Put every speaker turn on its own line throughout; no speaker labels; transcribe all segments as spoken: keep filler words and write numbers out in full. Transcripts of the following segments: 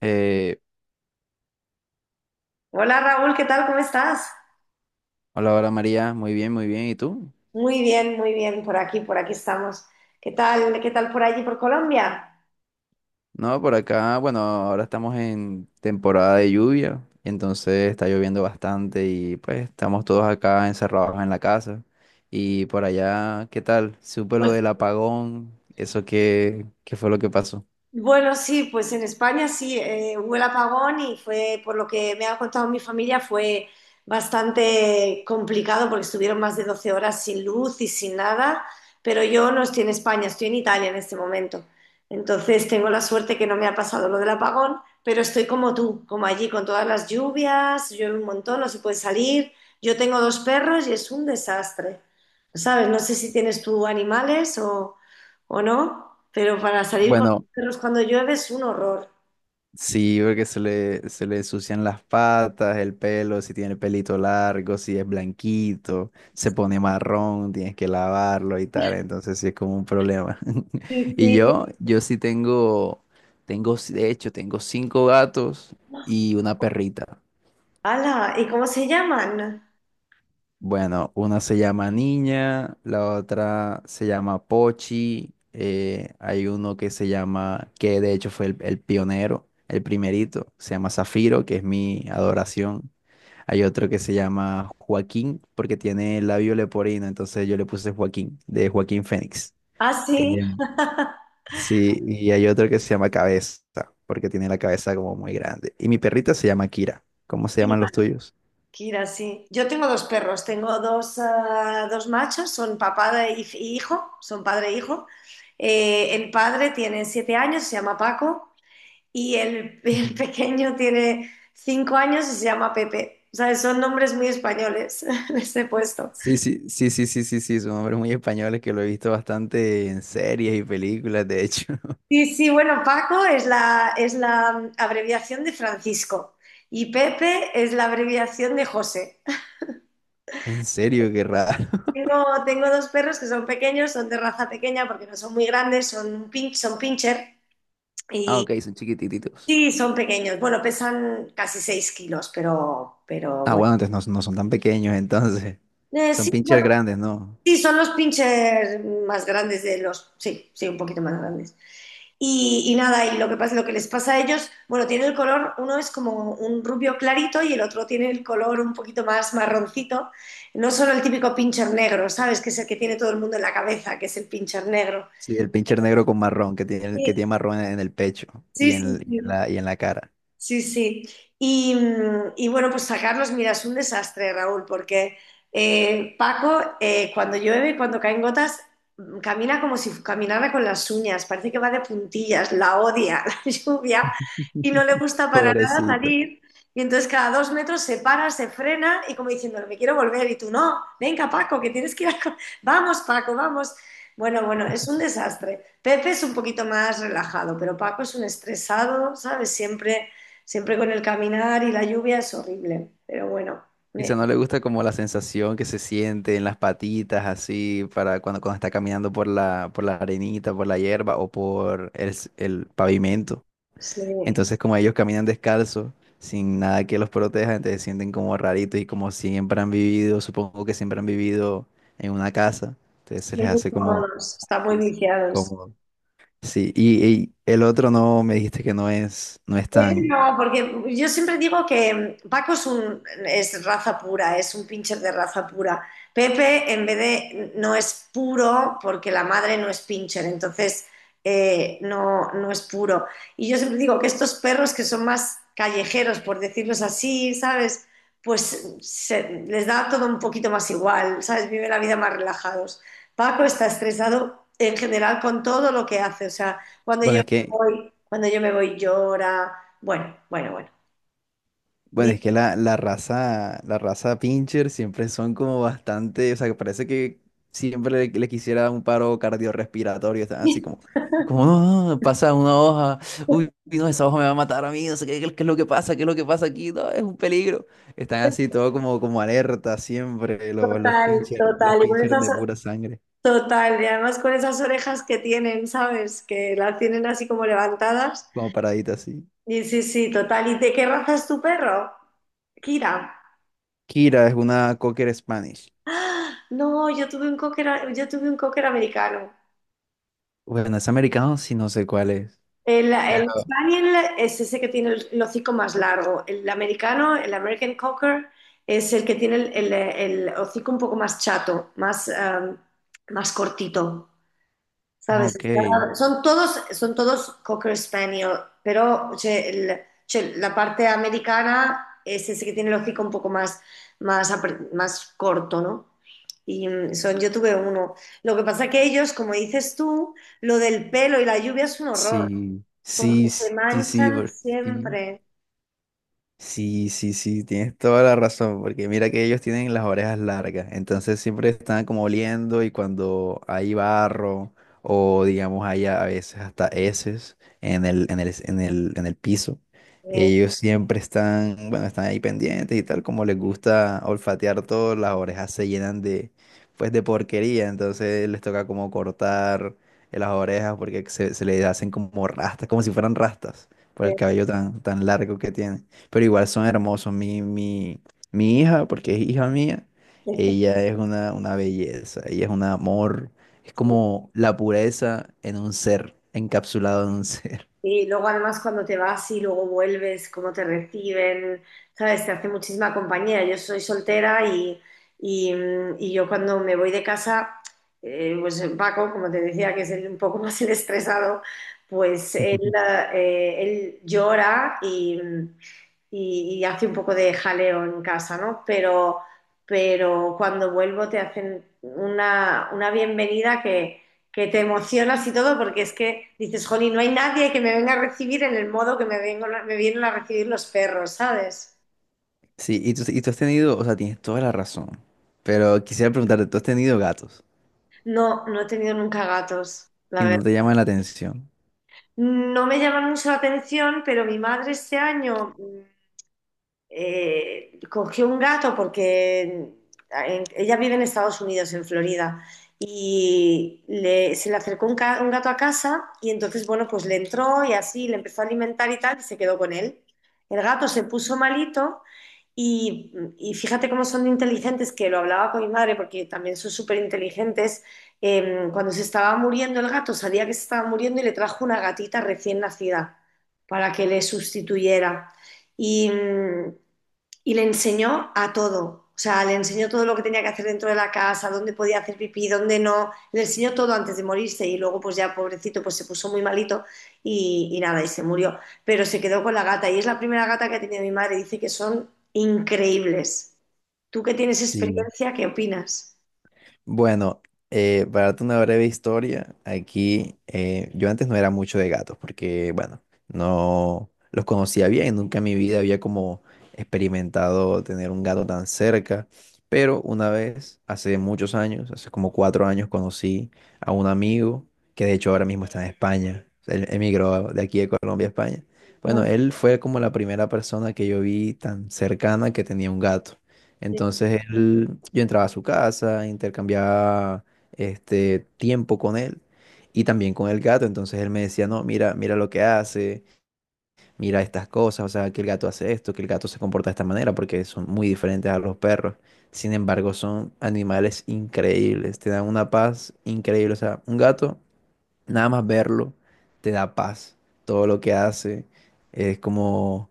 Eh,
Hola Raúl, ¿qué tal? ¿Cómo estás?
hola, hola María, muy bien, muy bien. ¿Y tú?
Muy bien, muy bien, por aquí, por aquí estamos. ¿Qué tal? ¿Qué tal por allí, por Colombia?
No, por acá, bueno, ahora estamos en temporada de lluvia, entonces está lloviendo bastante y pues estamos todos acá encerrados en la casa. Y por allá, ¿qué tal? Supe lo del apagón, eso qué, qué fue lo que pasó.
Bueno, sí, pues en España sí, eh, hubo el apagón y fue, por lo que me ha contado mi familia, fue bastante complicado porque estuvieron más de doce horas sin luz y sin nada, pero yo no estoy en España, estoy en Italia en este momento. Entonces tengo la suerte que no me ha pasado lo del apagón, pero estoy como tú, como allí, con todas las lluvias, llueve un montón, no se puede salir. Yo tengo dos perros y es un desastre, ¿sabes? No sé si tienes tú animales o, o no, pero para salir con
Bueno,
Perros cuando llueve es un horror.
sí, porque se le, se le ensucian las patas, el pelo, si tiene pelito largo, si es blanquito, se pone marrón, tienes que lavarlo y tal, entonces sí es como un problema.
Sí,
Y
sí.
yo, yo sí tengo, tengo, de hecho, tengo cinco gatos y una perrita.
¡Hala! ¿Y cómo se llaman?
Bueno, una se llama Niña, la otra se llama Pochi, eh, hay uno que se llama, que de hecho fue el, el pionero, el primerito, se llama Zafiro, que es mi adoración. Hay otro que se llama Joaquín, porque tiene el labio leporino, entonces yo le puse Joaquín, de Joaquín Fénix.
Ah, sí.
Em, sí, y hay otro que se llama Cabeza, porque tiene la cabeza como muy grande. Y mi perrita se llama Kira. ¿Cómo se llaman
Kira,
los tuyos?
Kira, sí. Yo tengo dos perros, tengo dos, ah, dos machos, son papá y y hijo, son padre e hijo. Eh, el padre tiene siete años, se llama Paco, y el, el pequeño tiene cinco años y se llama Pepe. O sea, son nombres muy españoles, les he puesto.
Sí, sí, sí, sí, sí, sí, sí, son hombres muy españoles que lo he visto bastante en series y películas, de hecho.
Sí, sí, bueno, Paco es la, es la abreviación de Francisco y Pepe es la abreviación de José.
En serio, qué raro.
Tengo, tengo dos perros que son pequeños, son de raza pequeña porque no son muy grandes, son, un pin- son pincher
Ah,
y
ok, son chiquititos.
sí, son pequeños. Bueno, pesan casi seis kilos, pero, pero
Ah,
bueno.
bueno, entonces no, no son tan pequeños, entonces.
Eh,
Son
sí,
pincher
bueno,
grandes, ¿no?
sí, son los pinchers más grandes de los. Sí, sí, un poquito más grandes. Y, y nada, y lo que pasa, lo que les pasa a ellos, bueno, tiene el color, uno es como un rubio clarito y el otro tiene el color un poquito más marroncito. No solo el típico pincher negro, ¿sabes? Que es el que tiene todo el mundo en la cabeza, que es el pincher negro.
Sí, el pincher negro con marrón, que tiene, que
Sí,
tiene marrón en el pecho
sí,
y en,
sí.
el- y en
Sí.
la, y en la cara.
Sí, sí. Y, mm, y bueno, pues sacarlos, mira, es un desastre, Raúl, porque eh, Paco, eh, cuando llueve, cuando caen gotas, mm, camina como si caminara con las uñas, parece que va de puntillas, la odia la lluvia y no le gusta para nada
Pobrecito.
salir. Y entonces cada dos metros se para, se frena y como diciendo, me quiero volver y tú no, venga, Paco, que tienes que ir a, co- ¡vamos, Paco, vamos! Bueno, bueno, es un desastre. Pepe es un poquito más relajado, pero Paco es un estresado, ¿sabes? Siempre Siempre con el caminar y la lluvia es horrible, pero bueno,
Quizá
me-
no le gusta como la sensación que se siente en las patitas, así, para cuando, cuando está caminando por la, por la arenita, por la hierba o por el, s- el pavimento.
sí,
Entonces, como ellos caminan descalzos, sin nada que los proteja, entonces se sienten como raritos y como siempre han vivido, supongo que siempre han vivido en una casa, entonces
sí,
se les
muy
hace como
cómodos, están muy
difícil.
viciados.
Como, sí, y, y el otro no, me dijiste que no es, no es
Pepe
tan,
no, porque yo siempre digo que Paco es un es raza pura, es un pincher de raza pura. Pepe, en vez de no es puro, porque la madre no es pincher, entonces eh, no, no es puro. Y yo siempre digo que estos perros que son más callejeros, por decirlos así, ¿sabes? Pues se- les da todo un poquito más igual, ¿sabes? Viven la vida más relajados. Paco está estresado en general con todo lo que hace, o sea, cuando
bueno,
yo
es
me
que
voy, cuando yo me voy llora. Bueno, bueno, bueno.
bueno,
Di-
es que la, la raza, la raza Pinscher siempre son como bastante, o sea, que parece que siempre le, le quisiera un paro cardiorrespiratorio, están así como, como, no, no, pasa una hoja, uy, no, esa hoja me va a matar a mí, no sé qué, qué es lo que pasa, qué es lo que pasa aquí, no, es un peligro. Están así todo como, como alerta siempre, los, los
Total,
Pinscher, los
total. Y con
Pinscher
esas,
de
o-
pura sangre,
total. Y además con esas orejas que tienen, ¿sabes? Que las tienen así como levantadas.
como paraditas así.
Y sí, sí, total. ¿Y de qué raza es tu perro? Kira.
Kira es una Cocker Spanish.
No, yo tuve un cocker, yo tuve un cocker americano.
Bueno, es americano, sí, no sé cuál es.
El,
Pero,
el Spaniel es ese que tiene el, el hocico más largo. El americano, el American Cocker, es el que tiene el, el- el hocico un poco más chato, más, em, más cortito. ¿Sabes?
ok.
Está- son todos, son todos Cocker Spaniel, pero c'è il- c'è la parte americana es ese que tiene el hocico un poco más, más, apre- más corto, ¿no? Y mm, son, yo tuve uno. Lo que pasa que ellos, como dices tú, lo del pelo y la lluvia es un horror,
Sí,
porque
sí,
se
sí, sí,
manchan
bro, sí.
siempre.
Sí, sí, sí, tienes toda la razón, porque mira que ellos tienen las orejas largas, entonces siempre están como oliendo y cuando hay barro o digamos hay a a veces hasta heces en el, en el, en el, en el piso,
Eh,
ellos siempre están, bueno, están ahí pendientes y tal, como les gusta olfatear todo, las orejas se llenan de, pues de porquería, entonces les toca como cortar las orejas porque se, se les hacen como rastas, como si fueran rastas por el
eh,
cabello tan, tan largo que tienen pero igual son hermosos. Mi, mi, mi hija, porque es hija mía, ella es una, una belleza, ella es un amor, es como la pureza en un ser, encapsulado en un ser.
Y luego además cuando te vas y luego vuelves, cómo te reciben, ¿sabes? Te hace muchísima compañía. Yo soy soltera y, y, mm, y yo cuando me voy de casa, eh, pues Paco, como te decía, que es el- un poco más el estresado, pues él, ah, eh, él llora y, mm, y- y hace un poco de jaleo en casa, ¿no? Pero, pero cuando vuelvo te hacen una, una bienvenida que que te emocionas y todo, porque es que dices, jolín, no hay nadie que me venga a recibir en el modo que me, vengo, me vienen a recibir los perros, ¿sabes?
Sí, y tú, y tú has tenido, o sea, tienes toda la razón, pero quisiera preguntarte, ¿tú has tenido gatos
No, no he tenido nunca gatos, la
y no
verdad.
te llaman la atención?
No me llaman mucho la atención, pero mi madre este año mm, eh, cogió un gato porque en- ella vive en Estados Unidos, en Florida, y le- se le acercó un, ca- un gato a casa y entonces, bueno, pues le entró y así le empezó a alimentar y tal y se quedó con él. El gato se puso malito y, y fíjate cómo son de inteligentes, que lo hablaba con mi madre porque también son súper inteligentes. Cuando se estaba muriendo el gato, sabía que se estaba muriendo y le trajo una gatita recién nacida para que le sustituyera. Y, mm, y le enseñó a todo. O sea, le enseñó todo lo que tenía que hacer dentro de la casa, dónde podía hacer pipí, dónde no. Le enseñó todo antes de morirse y luego, pues ya pobrecito, pues se puso muy malito y, y nada, y se murió. Pero se quedó con la gata y es la primera gata que ha tenido mi madre. Dice que son increíbles. Tú que tienes
Sí.
experiencia, ¿qué opinas?
Bueno, eh, para darte una breve historia, aquí eh, yo antes no era mucho de gatos porque, bueno, no los conocía bien, nunca en mi vida había como experimentado tener un gato tan cerca, pero una vez, hace muchos años, hace como cuatro años, conocí a un amigo que de hecho ahora mismo está en España, él emigró de aquí de Colombia a España.
Ah,
Bueno, él fue como la primera persona que yo vi tan cercana que tenía un gato.
sí.
Entonces él, yo entraba a su casa, intercambiaba este tiempo con él y también con el gato. Entonces él me decía, no, mira, mira lo que hace, mira estas cosas, o sea, que el gato hace esto, que el gato se comporta de esta manera, porque son muy diferentes a los perros. Sin embargo, son animales increíbles, te dan una paz increíble. O sea, un gato, nada más verlo, te da paz. Todo lo que hace es como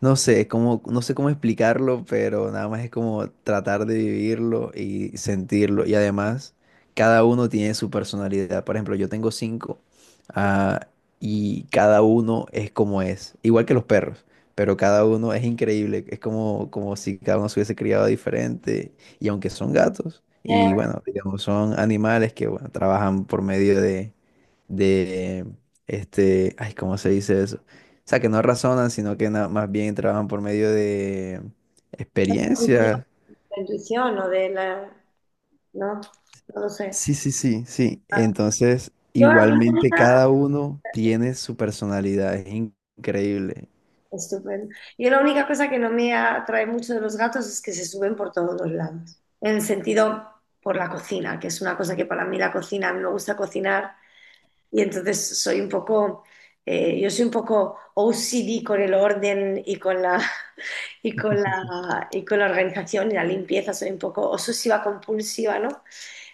no sé cómo, no sé cómo explicarlo, pero nada más es como tratar de vivirlo y sentirlo. Y además, cada uno tiene su personalidad. Por ejemplo, yo tengo cinco, ah, y cada uno es como es. Igual que los perros, pero cada uno es increíble. Es como, como si cada uno se hubiese criado diferente. Y aunque son gatos, y
Eh,
bueno, digamos, son animales que bueno, trabajan por medio de de, este, ay, ¿cómo se dice eso? O sea, que no razonan, sino que na- más bien trabajan por medio de
intuición,
experiencia.
la intuición o de la... No, no lo sé.
Sí, sí, sí, sí. Entonces,
Yo a mí
igualmente cada uno tiene su personalidad, es in- increíble.
Estupendo. Yo la única cosa que no me atrae mucho de los gatos es que se suben por todos los lados. En el sentido por la cocina, que es una cosa que para mí la cocina, a mí me gusta cocinar y entonces soy un poco, eh, yo soy un poco O C D con el orden y con la, y con la, y con la organización y la limpieza, soy un poco obsesiva compulsiva, ¿no?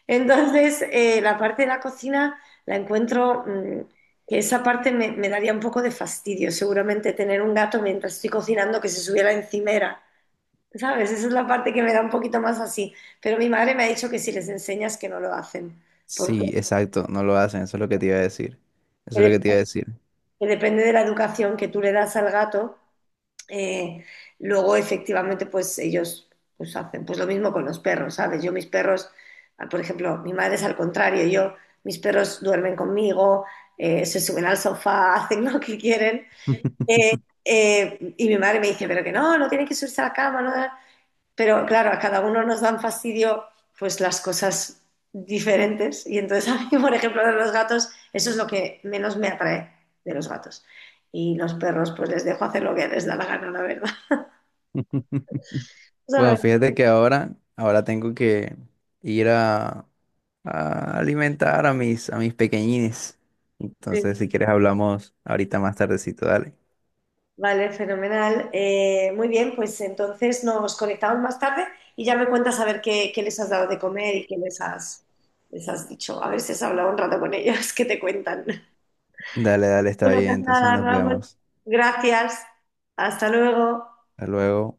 Entonces, eh, la parte de la cocina la encuentro, mm, que esa parte me, me daría un poco de fastidio, seguramente tener un gato mientras estoy cocinando que se subiera encimera, ¿sabes? Esa es la parte que me da un poquito más así. Pero mi madre me ha dicho que si les enseñas que no lo hacen, porque
Sí, exacto, no lo hacen, eso es lo que te iba a decir.
que
Eso es lo que te
dep-
iba a decir.
que depende de la educación que tú le das al gato. Eh, Luego, efectivamente, pues ellos pues, hacen pues, lo mismo con los perros, ¿sabes? Yo mis perros, ah, por ejemplo, mi madre es al contrario, yo, mis perros duermen conmigo, eh, se suben al sofá, hacen lo que quieren. Eh, eh, y mi madre me dice, pero que no, no tienen que subirse a la cama, no. Pero claro, a cada uno nos dan fastidio pues las cosas diferentes. Y entonces a mí, por ejemplo, de los gatos, eso es lo que menos me atrae de los gatos. Y los perros, pues les dejo hacer lo que les da la gana, la verdad.
Bueno,
¿Sabes?
fíjate que ahora, ahora tengo que ir a, a alimentar a mis, a mis pequeñines.
Sí.
Entonces, si quieres, hablamos ahorita más tardecito, dale.
Vale, fenomenal. Eh, muy bien, pues entonces nos conectamos más tarde y ya me cuentas a ver qué, qué les has dado de comer y qué les has, les has dicho. A ver si has hablado un rato con ellos, que te cuentan.
Dale, dale, está
Bueno,
bien.
pues
Entonces
nada,
nos
Raúl.
vemos.
Gracias. Hasta luego.
Hasta luego.